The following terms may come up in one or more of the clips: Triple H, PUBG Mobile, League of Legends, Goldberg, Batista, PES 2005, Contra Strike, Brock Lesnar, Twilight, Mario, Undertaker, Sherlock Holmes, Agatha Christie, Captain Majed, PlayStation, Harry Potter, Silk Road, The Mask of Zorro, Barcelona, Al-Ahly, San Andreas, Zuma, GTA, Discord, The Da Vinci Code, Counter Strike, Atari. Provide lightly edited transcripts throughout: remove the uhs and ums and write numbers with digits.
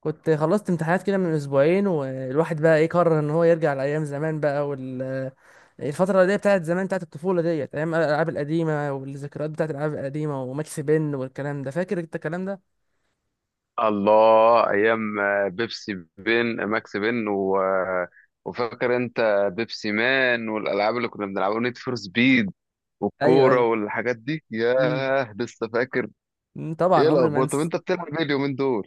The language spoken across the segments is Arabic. كنت خلصت امتحانات كده من اسبوعين والواحد بقى ايه قرر ان هو يرجع لايام زمان بقى الفترة دي بتاعت زمان، بتاعت الطفولة ديت، أيام الألعاب القديمة والذكريات بتاعت الألعاب القديمة وماكس بن والكلام ده، فاكر أنت الكلام ده؟ الله ايام بيبسي بن ماكس بن و... آه، وفاكر انت بيبسي مان والالعاب اللي كنا بنلعبها نيد فور سبيد ايوه والكوره ايوه. والحاجات دي مم. ياه لسه فاكر. طبعا ايه عمري ما الاخبار؟ طب انسى. انت بتلعب ايه اليومين دول؟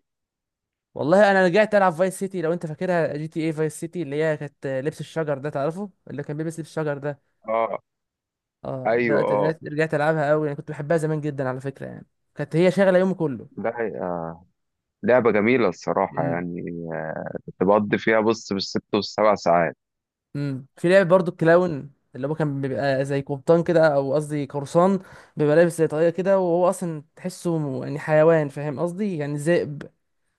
والله انا رجعت العب فايس سيتي، لو انت فاكرها، جي تي اي فايس سيتي، اللي هي كانت لبس الشجر ده، تعرفه اللي كان بيلبس لبس الشجر ده؟ اه، اه، ايوه، دلوقتي اه، رجعت العبها قوي. انا كنت بحبها زمان جدا على فكره يعني، كانت هي شاغله يومي كله. ده حقيقة. لعبه جميله الصراحه مم. كنت بقضي فيها بص بالست والسبع ساعات. امم، في لعبة برضو الكلاون، اللي هو كان بيبقى زي قبطان كده، او قصدي قرصان، بيبقى لابس زي طاقية كده، وهو اصلا تحسه يعني حيوان، فاهم قصدي، يعني ذئب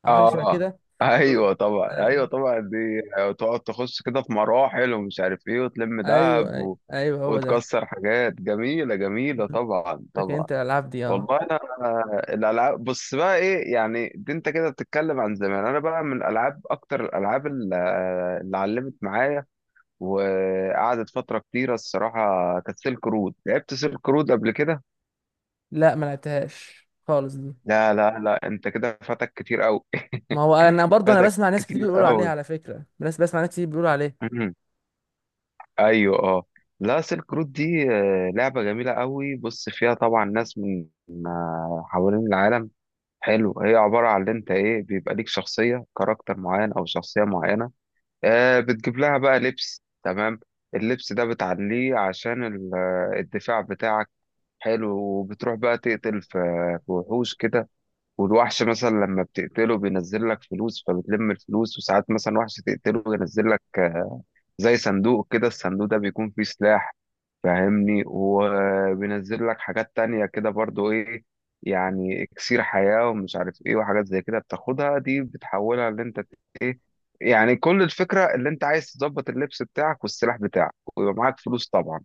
او حاجة شبه اه كده. أوه. ايوه طبعا، ايوه ايوه طبعا دي تقعد تخش كده في مراحل ومش عارف ايه وتلم ايوه دهب ايوه، أيوة هو ده. وتكسر حاجات جميله جميله، مم. طبعا فاكر طبعا. انت الالعاب دي؟ اه. والله انا الالعاب، بص بقى ايه يعني، دي انت كده بتتكلم عن زمان، انا بقى من الالعاب اكتر الالعاب اللي علمت معايا وقعدت فتره كتيره الصراحه كانت سيلك رود. لعبت سيلك رود قبل كده؟ لا ما لعبتهاش خالص دي. لا انت كده فاتك كتير قوي. ما هو انا برضو، انا فاتك بسمع ناس كتير كتير بيقولوا عليها قوي. على فكرة، بس بسمع ناس كتير بيقولوا عليه. ايوه اه، لا سيلك رود دي لعبه جميله قوي، بص فيها طبعا ناس من حوالين العالم. حلو، هي عبارة عن اللي انت ايه، بيبقى ليك شخصية كاركتر معين او شخصية معينة، آه بتجيب لها بقى لبس. تمام، اللبس ده بتعليه عشان الدفاع بتاعك. حلو، وبتروح بقى تقتل في وحوش كده، والوحش مثلا لما بتقتله بينزل لك فلوس فبتلم الفلوس، وساعات مثلا وحش تقتله ينزل لك زي صندوق كده، الصندوق ده بيكون فيه سلاح، فاهمني، وبينزل لك حاجات تانية كده برضو ايه، يعني اكسير حياة ومش عارف ايه وحاجات زي كده، بتاخدها دي بتحولها اللي انت ايه، يعني كل الفكرة اللي انت عايز تظبط اللبس بتاعك والسلاح بتاعك، ويبقى معاك فلوس طبعا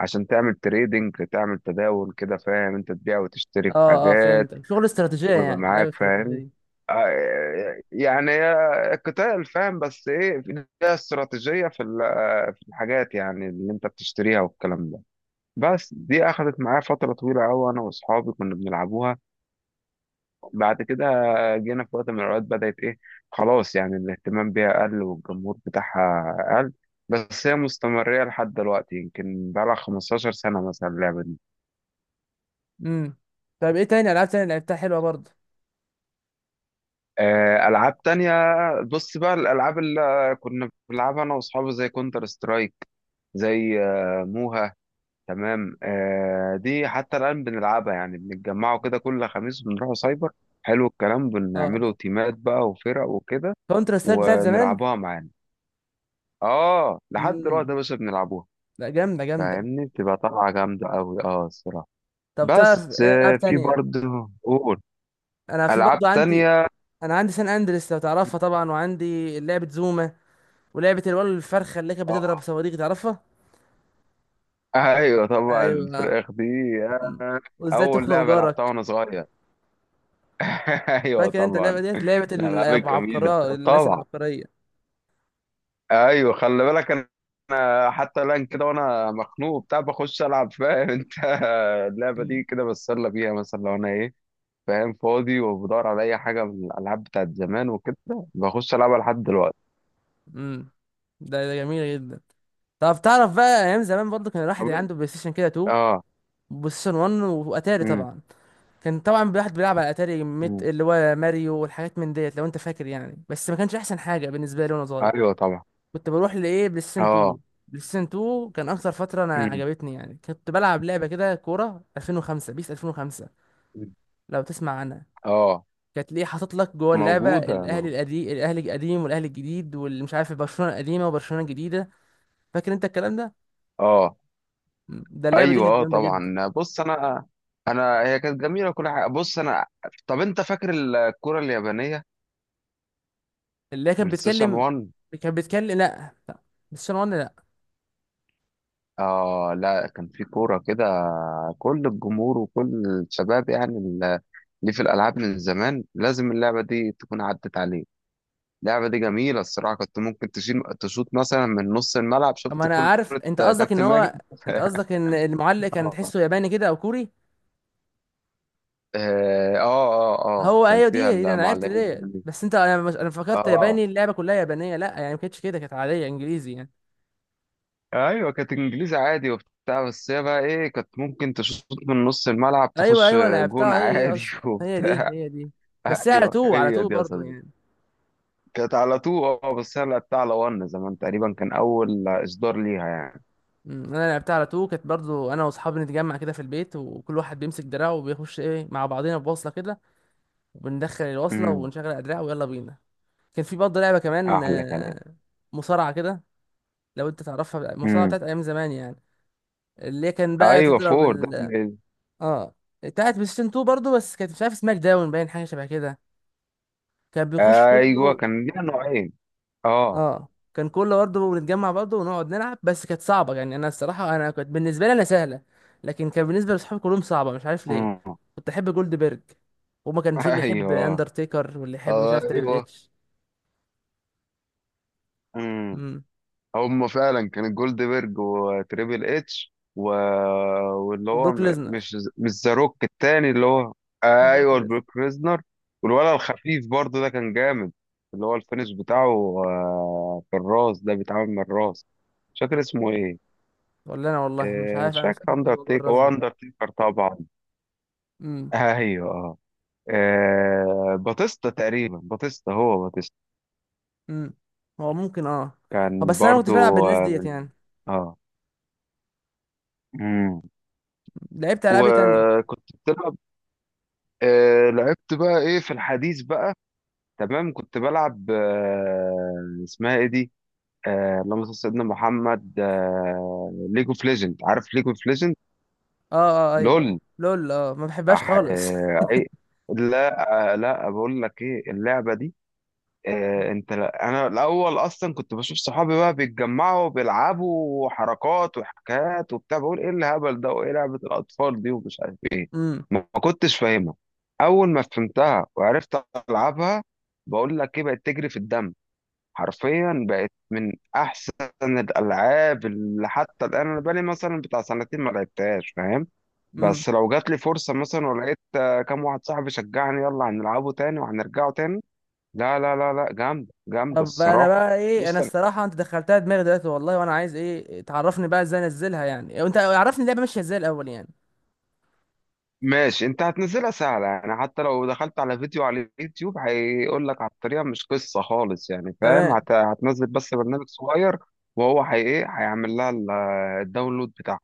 عشان تعمل تريدنج، تعمل تداول كده، فاهم انت، تبيع وتشتري في اه اه، حاجات فهمتك، شغل استراتيجية ويبقى يعني، لعبة معاك، فاهم. استراتيجية. يعني قتال، فاهم، بس ايه، ليها استراتيجية في في الحاجات يعني اللي انت بتشتريها والكلام ده. بس دي اخذت معايا فترة طويلة قوي، انا واصحابي كنا بنلعبوها. بعد كده جينا في وقت من الاوقات بدأت ايه، خلاص يعني الاهتمام بيها قل والجمهور بتاعها قل. بس هي مستمرة لحد دلوقتي، يمكن بقالها 15 سنة مثلا اللعبة. امم. طيب ايه تاني؟ العاب تاني لعبتها حلوة برضو؟ ألعاب تانية، بص بقى الألعاب اللي كنا بنلعبها أنا وأصحابي زي كونتر سترايك، زي موها. تمام، دي حتى الآن بنلعبها، يعني بنتجمعوا كده كل خميس، بنروحوا سايبر. حلو الكلام، اه، بنعملوا تيمات بقى وفرق وكده كونترا سترايك بتاعت زمان. ونلعبوها معانا. اه لحد دلوقتي امم. يا باشا بنلعبوها، لا، جامده جامده. فاهمني، بتبقى طلعة جامدة أوي اه الصراحة. طب تعرف بس ايه العاب في تانية؟ برضه، قول. انا في ألعاب برضو عندي، تانية، انا عندي سان اندريس لو تعرفها طبعا، وعندي لعبه زوما، ولعبه الولد الفرخه اللي كانت بتضرب اه صواريخ، تعرفها؟ ايوه طبعا ايوه. الفراخ دي. مم. آه، وازاي اول تخنق لعبه لعبتها جارك. وانا صغير. ايوه فاكر انت اللعبه طبعا، ديت؟ لعبه الالعاب الجميله، العبقريه، الناس طبعا. العبقريه. ايوه خلي بالك، انا أنا حتى الان كده وانا مخنوق بتاع بخش العب، فاهم انت، اللعبه مم. دي كده بتسلى بيها مثلا لو انا ايه، فاهم، فاضي وبدور على اي حاجه من الالعاب بتاعت زمان وكده، بخش العبها لحد دلوقتي. امم. ده جميله جدا. طب تعرف بقى، ايام زمان برضو كان طب الواحد إنت- عنده بلاي ستيشن كده 2، اه. بلاي ستيشن 1، واتاري امم. طبعا. كان طبعا الواحد بيلعب على اتاري ميت، أمم. اللي هو ماريو والحاجات من ديت، لو انت فاكر يعني، بس ما كانش احسن حاجه بالنسبه لي وانا صغير. ايوه طبعا. كنت بروح لايه، بلاي ستيشن اه. 2. بلاي ستيشن 2 كان اكتر فتره انا امم. عجبتني يعني. كنت بلعب لعبه كده، كوره 2005، بيس 2005، لو تسمع عنها. اه. كانت ليه حاطط لك جوه اللعبه موجوده الاهلي موجودة. القديم، الاهلي القديم والاهلي الجديد، واللي مش عارف برشلونه القديمه وبرشلونه الجديده. فاكر انت الكلام ده؟ اه ده اللعبه دي ايوه كانت اه جامده جدا. طبعا، بص انا، انا هي كانت جميله وكل حاجه، بص انا، طب انت فاكر الكوره اليابانيه؟ اللي هي كانت بلاي ستيشن بتكلم، 1. كانت بتكلم، لا لا، بس اه لا، كان في كوره كده كل الجمهور وكل الشباب اللي في الالعاب من زمان لازم اللعبه دي تكون عدت عليه. اللعبه دي جميله الصراحه، كنت ممكن تشيل تشوط مثلا من نص الملعب اما شفت انا كره، عارف انت قصدك ان كابتن ماجد. هو، انت قصدك ان المعلق كان آه. تحسه ياباني كده او كوري. اه اه اه، هو كان ايوه، فيها دي انا عرفت دي. المعلقين. بس انت، انا مش، انا فكرت اه ياباني، اللعبه كلها يابانيه، لا يعني ما كانتش كده، كانت عاديه انجليزي يعني. ايوه كانت انجليزي عادي وبتاع، بس هي بقى ايه، كانت ممكن تشوط من نص الملعب ايوه تخش ايوه جون لعبتها، هي دي عادي. اصلا، هي دي وبتاع، هي دي. بس هي على ايوه تو، على هي تو دي يا برضه صديقي. يعني. كانت على تو، اه، بس هي لعبتها على ون زمان تقريبا، كان اول اصدار ليها يعني. انا لعبتها على تو، كانت برضه انا واصحابي نتجمع كده في البيت، وكل واحد بيمسك دراعه وبيخش ايه مع بعضينا بوصله كده، وبندخل الوصله امم. ونشغل الادراع ويلا بينا. كان في برضه لعبه كمان، احلى كلام. مصارعه كده، لو انت تعرفها، المصارعه امم. بتاعت ايام زمان يعني، اللي كان بقى ايوه تضرب فور ده ال، اه، بتاعت بلاي ستيشن 2 برضه، بس كانت مش عارف سماك داون باين، حاجه شبه كده، كان بيخش ايوه كله. كان ليها نوعين. اه. اه، كان كله برضه بنتجمع برضه ونقعد نلعب، بس كانت صعبه يعني، انا الصراحه انا كنت بالنسبه لي انا سهله، لكن كان بالنسبه لاصحابي كلهم صعبه، مش عارف ليه. امم. كنت احب جولد بيرج، وما كان في اللي يحب ايوه. اندرتيكر، واللي يحب مش عارف تريبل ايوه. اتش. امم. امم، هم فعلا كان جولدبرج وتريبل اتش واللي هو وبروك م- ليزنر، مش مش ذا روك التاني اللي هو، بحب بروك ايوه ليزنر. البروك ريزنر. والولد الخفيف برضه ده كان جامد، اللي هو الفينش بتاعه في الراس ده، بيتعمل من الراس. مش فاكر اسمه ايه، ولا انا والله مش عارف، مش انا مش فاكر فاكر برضه موضوع اندرتيكر، الراس هو اندرتيكر طبعا. ده. ايوه اه، باتيستا تقريبا، باتيستا، هو باتيستا. امم، هو ممكن اه. كان بس انا ما كنتش برضه بلعب بالناس ديت من، يعني. اه، مم. لعبت العاب إيه تانية؟ وكنت بتلعب؟ آه لعبت بقى ايه في الحديث بقى، تمام كنت بلعب آه، اسمها ايه دي، آه اللهم صل على سيدنا محمد، آه ليج اوف ليجند. عارف ليج اوف ليجند؟ اه اه ايوه ايوه لول. لول، اه ما بحبهاش خالص إيه؟ لا آه، لا بقول لك ايه اللعبة دي، انت انا الاول اصلا كنت بشوف صحابي بقى بيتجمعوا وبيلعبوا وحركات وحكايات وبتاع، بقول ايه الهبل ده وايه لعبة الاطفال دي ومش عارف ايه، امم ما كنتش فاهمها. اول ما فهمتها وعرفت العبها، بقول لك ايه، بقت تجري في الدم حرفيا. بقت من احسن الالعاب، اللي حتى الان انا بقالي مثلا بتاع سنتين ما لعبتهاش، فاهم، امم. بس لو جات لي فرصة مثلا ولقيت كام واحد صاحبي شجعني يلا هنلعبه تاني وهنرجعه تاني. لا جامدة جامدة طب انا الصراحة. بقى ايه، انا بص أنا- الصراحه انت دخلتها دماغي دلوقتي والله، وانا عايز ايه، تعرفني بقى ازاي انزلها يعني؟ انت عرفني اللعبه ماشيه ازاي الاول يعني. ماشي، انت هتنزلها سهلة، يعني حتى لو دخلت على فيديو على اليوتيوب هيقول لك على الطريقة، مش قصة خالص يعني، فاهم، تمام. هتنزل بس برنامج صغير، وهو هي ايه هيعمل لها الداونلود بتاعها.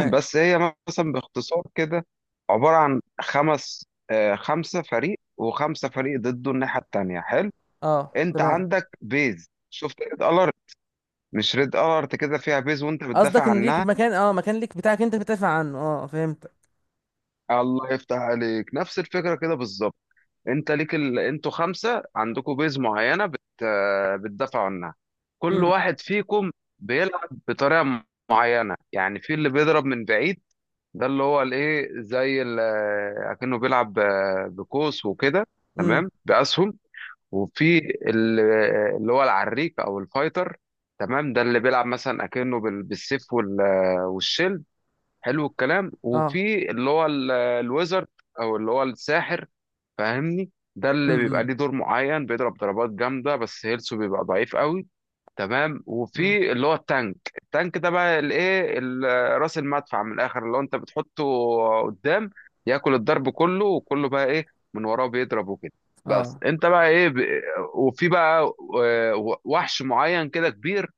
بس هي مثلا باختصار كده عبارة عن خمسة فريق وخمسة فريق ضده الناحية التانية. حلو، اه انت تمام، عندك بيز، شفت ريد الارت؟ مش ريد الارت كده، فيها بيز وانت بتدافع قصدك ان ليك عنها. مكان، اه مكان ليك بتاعك انت بتدافع عنه، اه فهمت. الله يفتح عليك، نفس الفكرة كده بالظبط. انتوا خمسة عندكم بيز معينة بتدافعوا عنها. كل امم واحد فيكم بيلعب بطريقة معينة، يعني في اللي بيضرب من بعيد، ده اللي هو الايه اكنه بيلعب بقوس وكده، امم. تمام، بأسهم. وفي ال- اللي هو العريك او الفايتر، تمام، ده اللي بيلعب مثلا اكنه بالسيف والشيل. حلو الكلام، اه. وفي اللي هو الويزرد او اللي هو الساحر، فاهمني، ده اللي بيبقى امم. ليه دور معين، بيضرب ضربات جامده بس هيلثه بيبقى ضعيف قوي. تمام، أمم. وفي اللي هو التانك. التانك ده بقى الايه راس المدفع من الاخر، اللي هو انت بتحطه قدام ياكل الضرب كله، وكله بقى ايه من وراه بيضرب وكده. بس اه انت بقى ايه وفي بقى وحش معين كده كبير،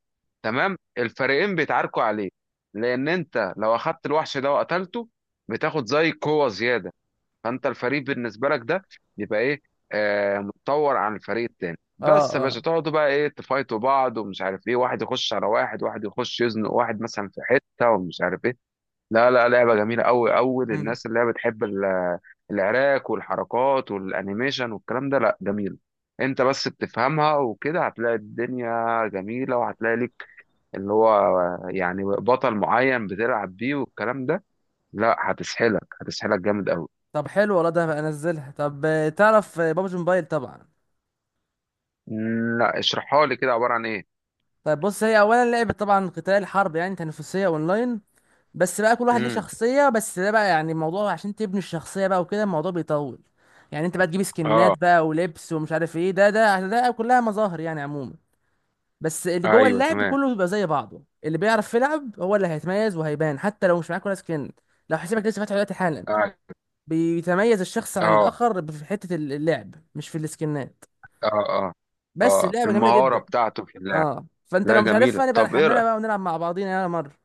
تمام، الفريقين بيتعاركوا عليه، لان انت لو اخدت الوحش ده وقتلته بتاخد زي قوة زيادة، فانت الفريق بالنسبه لك ده يبقى ايه آه متطور عن الفريق التاني. بس يا باشا اه تقعدوا بقى ايه تفايتوا بعض ومش عارف ايه، واحد يخش على واحد، واحد يخش يزنق واحد مثلا في حته ومش عارف ايه. لا لا، لعبه جميله قوي قوي اه. للناس اللي هي بتحب العراك والحركات والانيميشن والكلام ده، لا جميل. انت بس بتفهمها وكده هتلاقي الدنيا جميله، وهتلاقي لك اللي هو يعني بطل معين بتلعب بيه والكلام ده، لا هتسحلك، هتسحلك جامد قوي. طب حلو والله، ده هبقى انزلها. طب، تعرف بابجي موبايل طبعا؟ مم، لا اشرحها لي كده، عبارة عن ايه؟ طيب بص، هي اولا لعبه طبعا قتال حرب يعني، تنافسيه اونلاين، بس بقى كل واحد ليه امم. شخصيه، بس ده بقى يعني، الموضوع عشان تبني الشخصيه بقى وكده الموضوع بيطول يعني. انت بقى تجيب اه سكنات بقى ولبس ومش عارف ايه، ده ده ده كلها مظاهر يعني عموما، بس اللي جوه ايوه اللعب تمام. كله بيبقى زي بعضه، اللي بيعرف يلعب هو اللي هيتميز وهيبان، حتى لو مش معاك ولا سكن، لو حسابك لسه فاتح دلوقتي حالا، اه. بيتميز الشخص عن اه الاخر في حته اللعب، مش في السكنات. اه. اه، بس في اللعبه جميله المهارة جدا. بتاعته في اللعب. اه، فانت لا لو مش جميلة، عارفها نبقى نحملها بقى ونلعب مع بعضينا، يلا مره.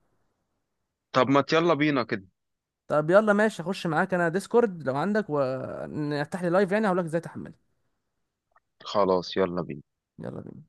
طب ما يلا بينا كده. طب يلا ماشي، اخش معاك انا ديسكورد لو عندك، ونفتح لي لايف يعني هقول لك ازاي تحملها. خلاص يلا بينا. يلا بينا.